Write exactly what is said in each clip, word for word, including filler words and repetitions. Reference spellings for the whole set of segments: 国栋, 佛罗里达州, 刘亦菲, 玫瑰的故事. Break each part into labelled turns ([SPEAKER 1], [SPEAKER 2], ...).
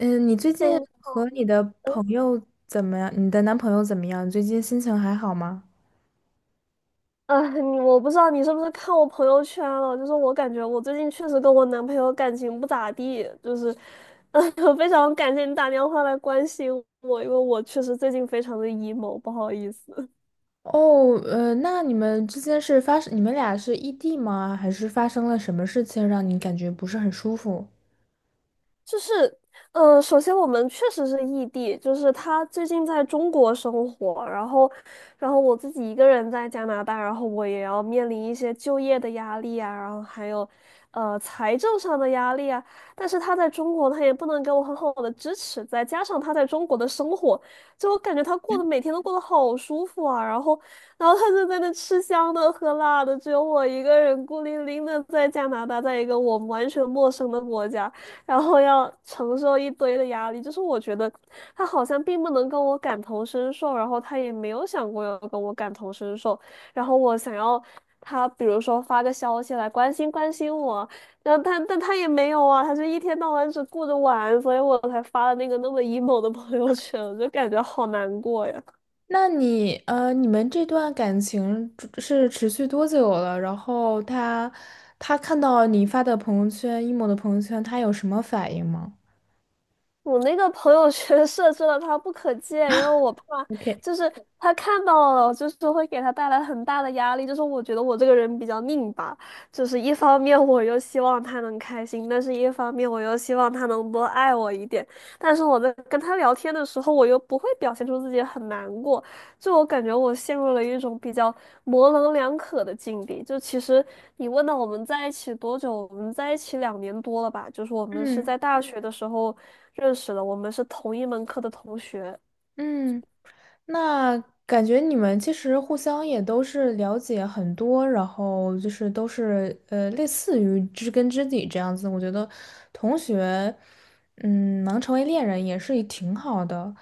[SPEAKER 1] 嗯，你最
[SPEAKER 2] 哎，
[SPEAKER 1] 近和你的
[SPEAKER 2] 嗯，
[SPEAKER 1] 朋友怎么样？你的男朋友怎么样？你最近心情还好吗？
[SPEAKER 2] 啊，你我不知道你是不是看我朋友圈了，就是我感觉我最近确实跟我男朋友感情不咋地，就是，呃，非常感谢你打电话来关心我，因为我确实最近非常的 emo，不好意思。
[SPEAKER 1] 哦，呃，那你们之间是发生，你们俩是异地吗？还是发生了什么事情让你感觉不是很舒服？
[SPEAKER 2] 就是，呃，首先我们确实是异地，就是他最近在中国生活，然后，然后我自己一个人在加拿大，然后我也要面临一些就业的压力啊，然后还有，呃，财政上的压力啊。但是他在中国，他也不能给我很好的支持，再加上他在中国的生活，就我感觉他过得每天都过得好舒服啊，然后，然后他就在那吃香的喝辣的，只有我一个人孤零零的在加拿大，在一个我完全陌生的国家。然后要承受一堆的压力。就是我觉得他好像并不能跟我感同身受，然后他也没有想过要跟我感同身受。然后我想要他，比如说发个消息来关心关心我，然后他但他也没有啊，他就一天到晚只顾着玩，所以我才发了那个那么 emo 的朋友圈，我就感觉好难过呀。
[SPEAKER 1] 那你，呃，你们这段感情呃是持续多久了？然后他，他看到你发的朋友圈，emo 的朋友圈，他有什么反应吗？
[SPEAKER 2] 我那个朋友圈设置了他不可见，因为我怕
[SPEAKER 1] OK，
[SPEAKER 2] 就是他看到了，就是会给他带来很大的压力。就是我觉得我这个人比较拧巴，就是一方面我又希望他能开心，但是一方面我又希望他能多爱我一点。但是我在跟他聊天的时候，我又不会表现出自己很难过，就我感觉我陷入了一种比较模棱两可的境地。就其实你问到我们在一起多久，我们在一起两年多了吧？就是我们是
[SPEAKER 1] 嗯，
[SPEAKER 2] 在大学的时候认识的，我们是同一门课的同学。
[SPEAKER 1] 嗯，那感觉你们其实互相也都是了解很多，然后就是都是呃类似于知根知底这样子。我觉得同学，嗯，能成为恋人也是挺好的。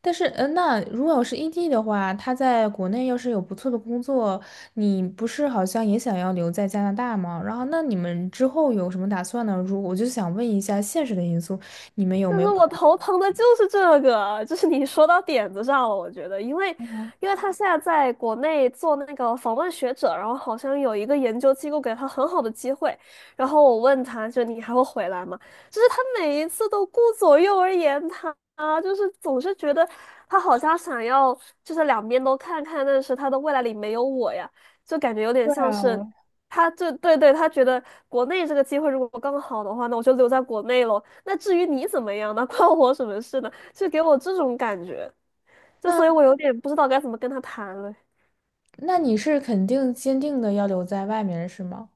[SPEAKER 1] 但是，呃，那如果要是异地的话，他在国内要是有不错的工作，你不是好像也想要留在加拿大吗？然后，那你们之后有什么打算呢？如我就想问一下现实的因素，你们有
[SPEAKER 2] 但
[SPEAKER 1] 没
[SPEAKER 2] 是
[SPEAKER 1] 有考？
[SPEAKER 2] 我头疼的就是这个，就是你说到点子上了，我觉得，因为，因为他现在在国内做那个访问学者，然后好像有一个研究机构给他很好的机会，然后我问他，就你还会回来吗？就是他每一次都顾左右而言他，就是总是觉得他好像想要就是两边都看看，但是他的未来里没有我呀，就感觉有点
[SPEAKER 1] 对
[SPEAKER 2] 像
[SPEAKER 1] 啊，
[SPEAKER 2] 是。
[SPEAKER 1] 我
[SPEAKER 2] 他就对对，他觉得国内这个机会如果刚好的话，那我就留在国内喽。那至于你怎么样呢，关我什么事呢？就给我这种感觉，就所以我有点不知道该怎么跟他谈了。
[SPEAKER 1] 那你是肯定坚定的要留在外面是吗？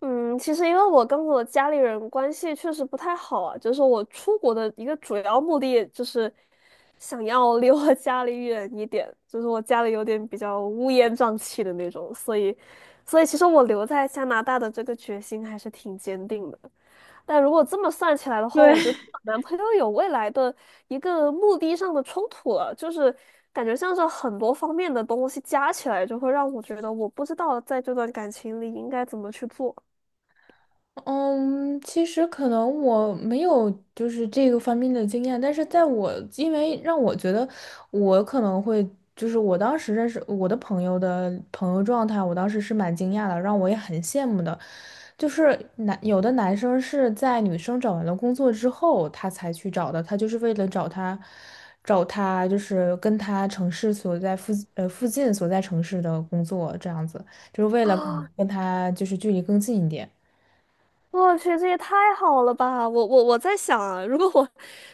[SPEAKER 2] 嗯，其实因为我跟我家里人关系确实不太好啊，就是我出国的一个主要目的就是想要离我家里远一点，就是我家里有点比较乌烟瘴气的那种，所以，所以其实我留在加拿大的这个决心还是挺坚定的。但如果这么算起来的话，
[SPEAKER 1] 对，
[SPEAKER 2] 我觉得
[SPEAKER 1] 对
[SPEAKER 2] 我男朋友有未来的一个目的上的冲突了，就是感觉像是很多方面的东西加起来，就会让我觉得我不知道在这段感情里应该怎么去做。
[SPEAKER 1] 嗯，其实可能我没有就是这个方面的经验，但是在我因为让我觉得我可能会就是我当时认识我的朋友的朋友状态，我当时是蛮惊讶的，让我也很羡慕的。就是男有的男生是在女生找完了工作之后，他才去找的，他就是为了找他找他就是跟他城市所在附呃附近所在城市的工作这样子，就是为了可能
[SPEAKER 2] 啊
[SPEAKER 1] 跟他就是距离更近一点。
[SPEAKER 2] 我去，这也太好了吧！我我我在想啊，如果我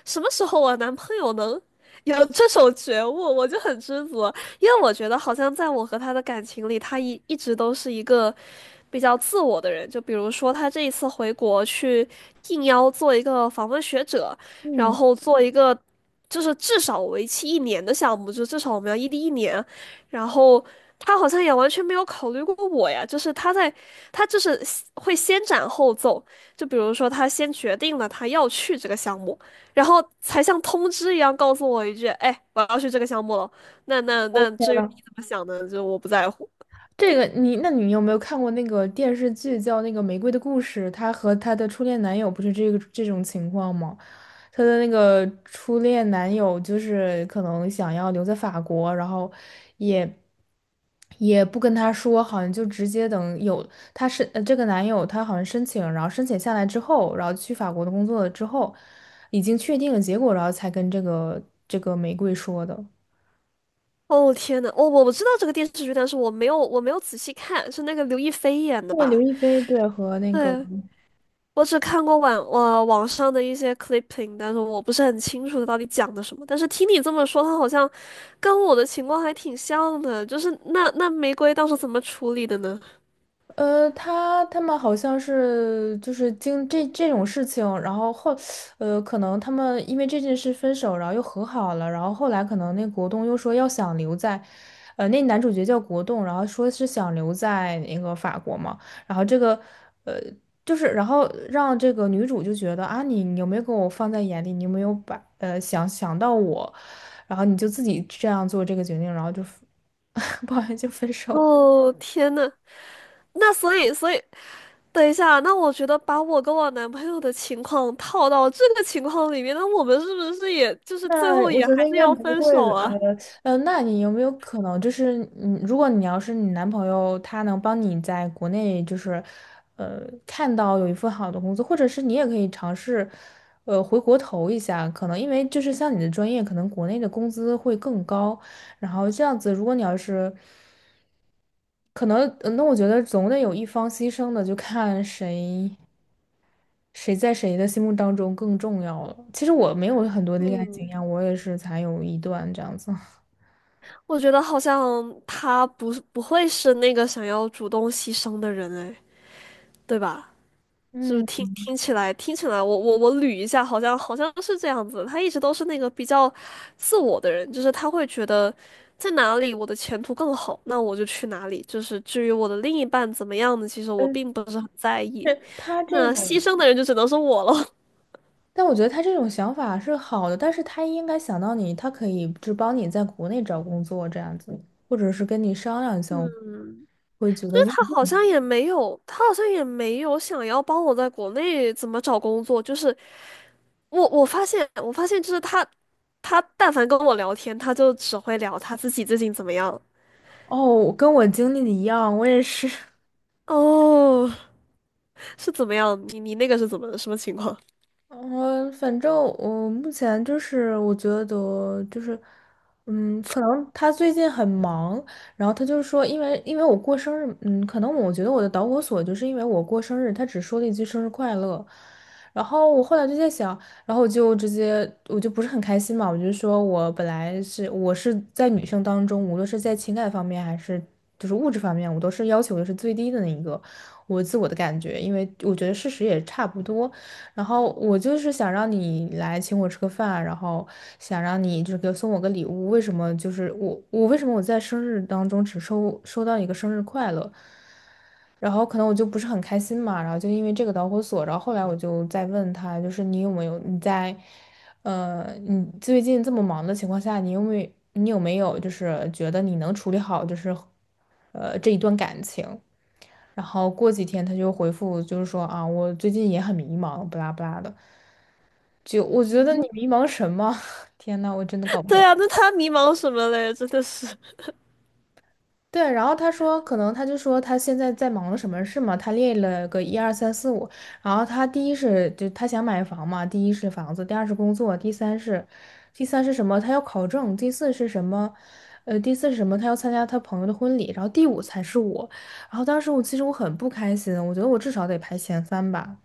[SPEAKER 2] 什么时候我男朋友能有这种觉悟，我就很知足，因为我觉得好像在我和他的感情里，他一一直都是一个比较自我的人。就比如说他这一次回国去应邀做一个访问学者，然
[SPEAKER 1] 嗯，
[SPEAKER 2] 后做一个就是至少为期一年的项目，就至少我们要异地一年，然后他好像也完全没有考虑过我呀，就是他在，他就是先会先斩后奏，就比如说他先决定了他要去这个项目，然后才像通知一样告诉我一句，哎，我要去这个项目了。那那那
[SPEAKER 1] OK
[SPEAKER 2] 至于
[SPEAKER 1] 了，
[SPEAKER 2] 你怎么想呢，就我不在乎。
[SPEAKER 1] 这个你，那你有没有看过那个电视剧叫那个《玫瑰的故事》？她和她的初恋男友不是这个这种情况吗？她的那个初恋男友就是可能想要留在法国，然后也也不跟她说，好像就直接等有她是呃这个男友他好像申请，然后申请下来之后，然后去法国的工作了之后，已经确定了结果，然后才跟这个这个玫瑰说的。
[SPEAKER 2] 哦天呐，我我我知道这个电视剧，但是我没有我没有仔细看，是那个刘亦菲演的
[SPEAKER 1] 对，刘
[SPEAKER 2] 吧？
[SPEAKER 1] 亦菲对和那个。
[SPEAKER 2] 对，我只看过网呃网上的一些 clipping，但是我不是很清楚它到底讲的什么。但是听你这么说，他好像跟我的情况还挺像的，就是那那玫瑰当时怎么处理的呢？
[SPEAKER 1] 呃，他他们好像是就是经这这种事情，然后后，呃，可能他们因为这件事分手，然后又和好了，然后后来可能那国栋又说要想留在，呃，那男主角叫国栋，然后说是想留在那个法国嘛，然后这个，呃，就是然后让这个女主就觉得啊，你你有没有给我放在眼里，你有没有把呃想想到我，然后你就自己这样做这个决定，然后就，不好意思就分手了。
[SPEAKER 2] 哦，天呐，那所以所以，等一下，那我觉得把我跟我男朋友的情况套到这个情况里面，那我们是不是也就是最
[SPEAKER 1] 那
[SPEAKER 2] 后
[SPEAKER 1] 我
[SPEAKER 2] 也
[SPEAKER 1] 觉
[SPEAKER 2] 还
[SPEAKER 1] 得应
[SPEAKER 2] 是
[SPEAKER 1] 该
[SPEAKER 2] 要
[SPEAKER 1] 不
[SPEAKER 2] 分
[SPEAKER 1] 会
[SPEAKER 2] 手啊？
[SPEAKER 1] 呃呃，那你有没有可能就是，嗯，如果你要是你男朋友他能帮你在国内就是，呃，看到有一份好的工作，或者是你也可以尝试，呃，回国投一下，可能因为就是像你的专业，可能国内的工资会更高，然后这样子，如果你要是，可能，呃那我觉得总得有一方牺牲的，就看谁。谁在谁的心目当中更重要了？其实我没有很多的恋爱经
[SPEAKER 2] 嗯，
[SPEAKER 1] 验，我也是才有一段这样子。
[SPEAKER 2] 我觉得好像他不是不会是那个想要主动牺牲的人，哎，对吧？是不是
[SPEAKER 1] 嗯，
[SPEAKER 2] 听听起来听起来，我我我捋一下，好像好像是这样子。他一直都是那个比较自我的人，就是他会觉得在哪里我的前途更好，那我就去哪里。就是至于我的另一半怎么样呢，其实
[SPEAKER 1] 呃，
[SPEAKER 2] 我并不是很在意。
[SPEAKER 1] 是他这
[SPEAKER 2] 那牺
[SPEAKER 1] 种，
[SPEAKER 2] 牲的人就只能是我了。
[SPEAKER 1] 但我觉得他这种想法是好的，但是他应该想到你，他可以就帮你在国内找工作这样子，或者是跟你商量一下。我
[SPEAKER 2] 嗯，
[SPEAKER 1] 会觉得如，
[SPEAKER 2] 他
[SPEAKER 1] 如
[SPEAKER 2] 好像也没有，他好像也没有想要帮我在国内怎么找工作。就是我我发现我发现就是他他但凡跟我聊天，他就只会聊他自己最近怎么样。
[SPEAKER 1] 哦，跟我经历的一样，我也是。
[SPEAKER 2] 哦，是怎么样？你你那个是怎么什么情况？
[SPEAKER 1] 呃，反正我目前就是我觉得就是，嗯，可能他最近很忙，然后他就说，因为因为我过生日，嗯，可能我觉得我的导火索就是因为我过生日，他只说了一句生日快乐，然后我后来就在想，然后我就直接我就不是很开心嘛，我就说我本来是我是在女生当中，无论是在情感方面还是就是物质方面，我都是要求的是最低的那一个，我自我的感觉，因为我觉得事实也差不多。然后我就是想让你来请我吃个饭，然后想让你就这个送我个礼物。为什么就是我我为什么我在生日当中只收收到一个生日快乐，然后可能我就不是很开心嘛，然后就因为这个导火索，然后后来我就在问他，就是你有没有你在，呃，你最近这么忙的情况下，你有没有你有没有就是觉得你能处理好就是，呃，这一段感情？然后过几天他就回复就是说啊，我最近也很迷茫，不拉不拉的。就我觉得你迷 茫什么？天呐，我真的搞不
[SPEAKER 2] 对
[SPEAKER 1] 懂。
[SPEAKER 2] 啊，那他迷茫什么嘞？真的是，
[SPEAKER 1] 对，然后他说，可能他就说他现在在忙什么事嘛，他列了个一二三四五，然后他第一是就他想买房嘛，第一是房子，第二是工作，第三是，第三是什么？他要考证，第四是什么？呃，第四是什么？他要参加他朋友的婚礼，然后第五才是我。然后当时我其实我很不开心，我觉得我至少得排前三吧。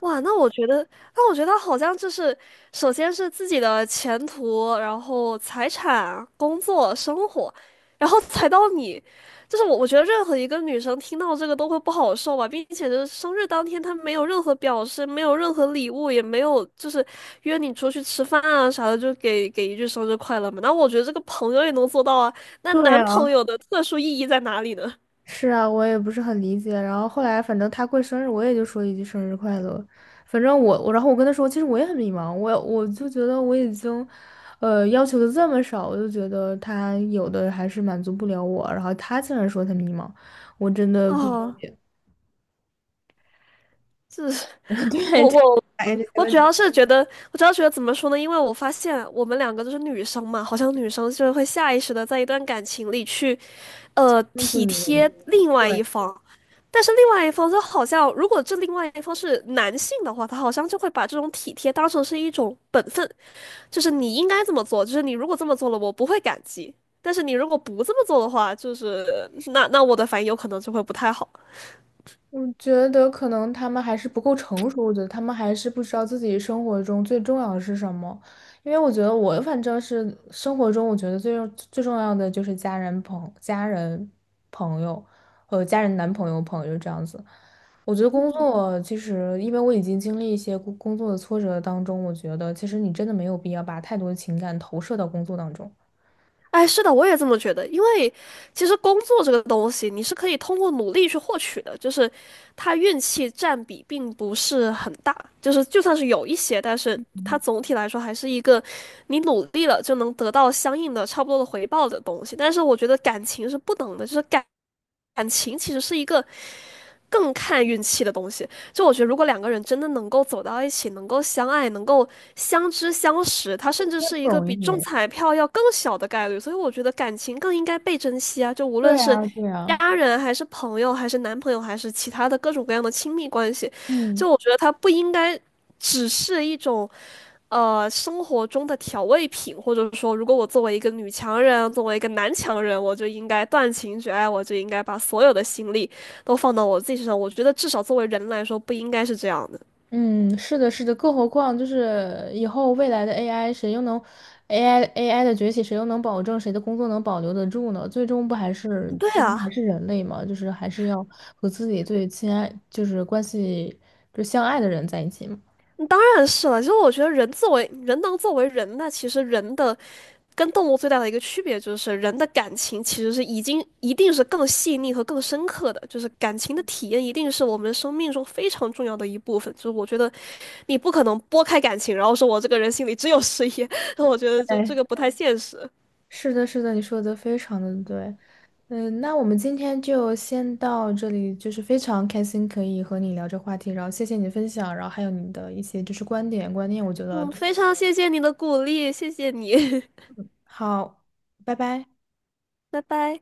[SPEAKER 2] 哇，那我觉得，那我觉得好像就是，首先是自己的前途，然后财产、工作、生活，然后才到你，就是我，我觉得任何一个女生听到这个都会不好受吧，并且就是生日当天，她没有任何表示，没有任何礼物，也没有就是约你出去吃饭啊啥的，就给给一句生日快乐嘛。那我觉得这个朋友也能做到啊，那
[SPEAKER 1] 对
[SPEAKER 2] 男
[SPEAKER 1] 啊，
[SPEAKER 2] 朋友的特殊意义在哪里呢？
[SPEAKER 1] 是啊，我也不是很理解。然后后来，反正他过生日，我也就说一句生日快乐。反正我，我然后我跟他说，其实我也很迷茫，我我就觉得我已经，呃，要求的这么少，我就觉得他有的还是满足不了我。然后他竟然说他迷茫，我真的不理
[SPEAKER 2] 哦，
[SPEAKER 1] 解。
[SPEAKER 2] 这是
[SPEAKER 1] 对，
[SPEAKER 2] 我
[SPEAKER 1] 就，哎，这些
[SPEAKER 2] 我
[SPEAKER 1] 问
[SPEAKER 2] 主
[SPEAKER 1] 题，
[SPEAKER 2] 要是觉得，我主要觉得怎么说呢？因为我发现我们两个都是女生嘛，好像女生就是会下意识的在一段感情里去呃
[SPEAKER 1] 这么自
[SPEAKER 2] 体
[SPEAKER 1] 己的人，
[SPEAKER 2] 贴另外
[SPEAKER 1] 对。
[SPEAKER 2] 一方，但是另外一方就好像，如果这另外一方是男性的话，他好像就会把这种体贴当成是一种本分，就是你应该这么做，就是你如果这么做了，我不会感激，但是你如果不这么做的话，就是那那我的反应有可能就会不太好。
[SPEAKER 1] 我觉得可能他们还是不够成熟，我觉得他们还是不知道自己生活中最重要的是什么。因为我觉得我反正是生活中，我觉得最重最重要的就是家人、朋家人、朋友和家人、男朋友、朋友这样子。我觉得工作其实，因为我已经经历一些工工作的挫折当中，我觉得其实你真的没有必要把太多的情感投射到工作当中，
[SPEAKER 2] 哎，是的，我也这么觉得。因为其实工作这个东西，你是可以通过努力去获取的，就是它运气占比并不是很大，就是就算是有一些，但是它总体来说还是一个你努力了就能得到相应的差不多的回报的东西。但是我觉得感情是不等的，就是感感情其实是一个更看运气的东西。就我觉得，如果两个人真的能够走到一起，能够相爱，能够相知相识，它甚至
[SPEAKER 1] 这
[SPEAKER 2] 是一
[SPEAKER 1] 不
[SPEAKER 2] 个
[SPEAKER 1] 容
[SPEAKER 2] 比中
[SPEAKER 1] 易。
[SPEAKER 2] 彩票要更小的概率。所以我觉得感情更应该被珍惜啊！就无论
[SPEAKER 1] 对
[SPEAKER 2] 是
[SPEAKER 1] 啊，对啊，
[SPEAKER 2] 家人，还是朋友，还是男朋友，还是其他的各种各样的亲密关系，
[SPEAKER 1] 嗯。
[SPEAKER 2] 就我觉得它不应该只是一种呃生活中的调味品，或者说，如果我作为一个女强人，作为一个男强人，我就应该断情绝爱，我就应该把所有的心力都放到我自己身上。我觉得至少作为人来说，不应该是这样的。
[SPEAKER 1] 嗯，是的，是的，更何况就是以后未来的 A I，谁又能 AI A I 的崛起，谁又能保证谁的工作能保留得住呢？最终不还是
[SPEAKER 2] 对
[SPEAKER 1] 最终还
[SPEAKER 2] 啊，
[SPEAKER 1] 是人类嘛？就是还是要和自己最亲爱，就是关系就相爱的人在一起嘛。
[SPEAKER 2] 当然是了。其实我觉得人作为人能作为人，那其实人的跟动物最大的一个区别就是，人的感情其实是已经一定是更细腻和更深刻的，就是感情的体验一定是我们生命中非常重要的一部分。就是我觉得，你不可能拨开感情，然后说我这个人心里只有事业，那我觉得这这
[SPEAKER 1] 对，
[SPEAKER 2] 个不太现实。
[SPEAKER 1] 是的，是的，你说的非常的对。嗯，那我们今天就先到这里，就是非常开心可以和你聊这话题，然后谢谢你的分享，然后还有你的一些就是观点观念，我觉得
[SPEAKER 2] 嗯，非常谢谢你的鼓励，谢谢你，
[SPEAKER 1] 好，拜拜。
[SPEAKER 2] 拜拜。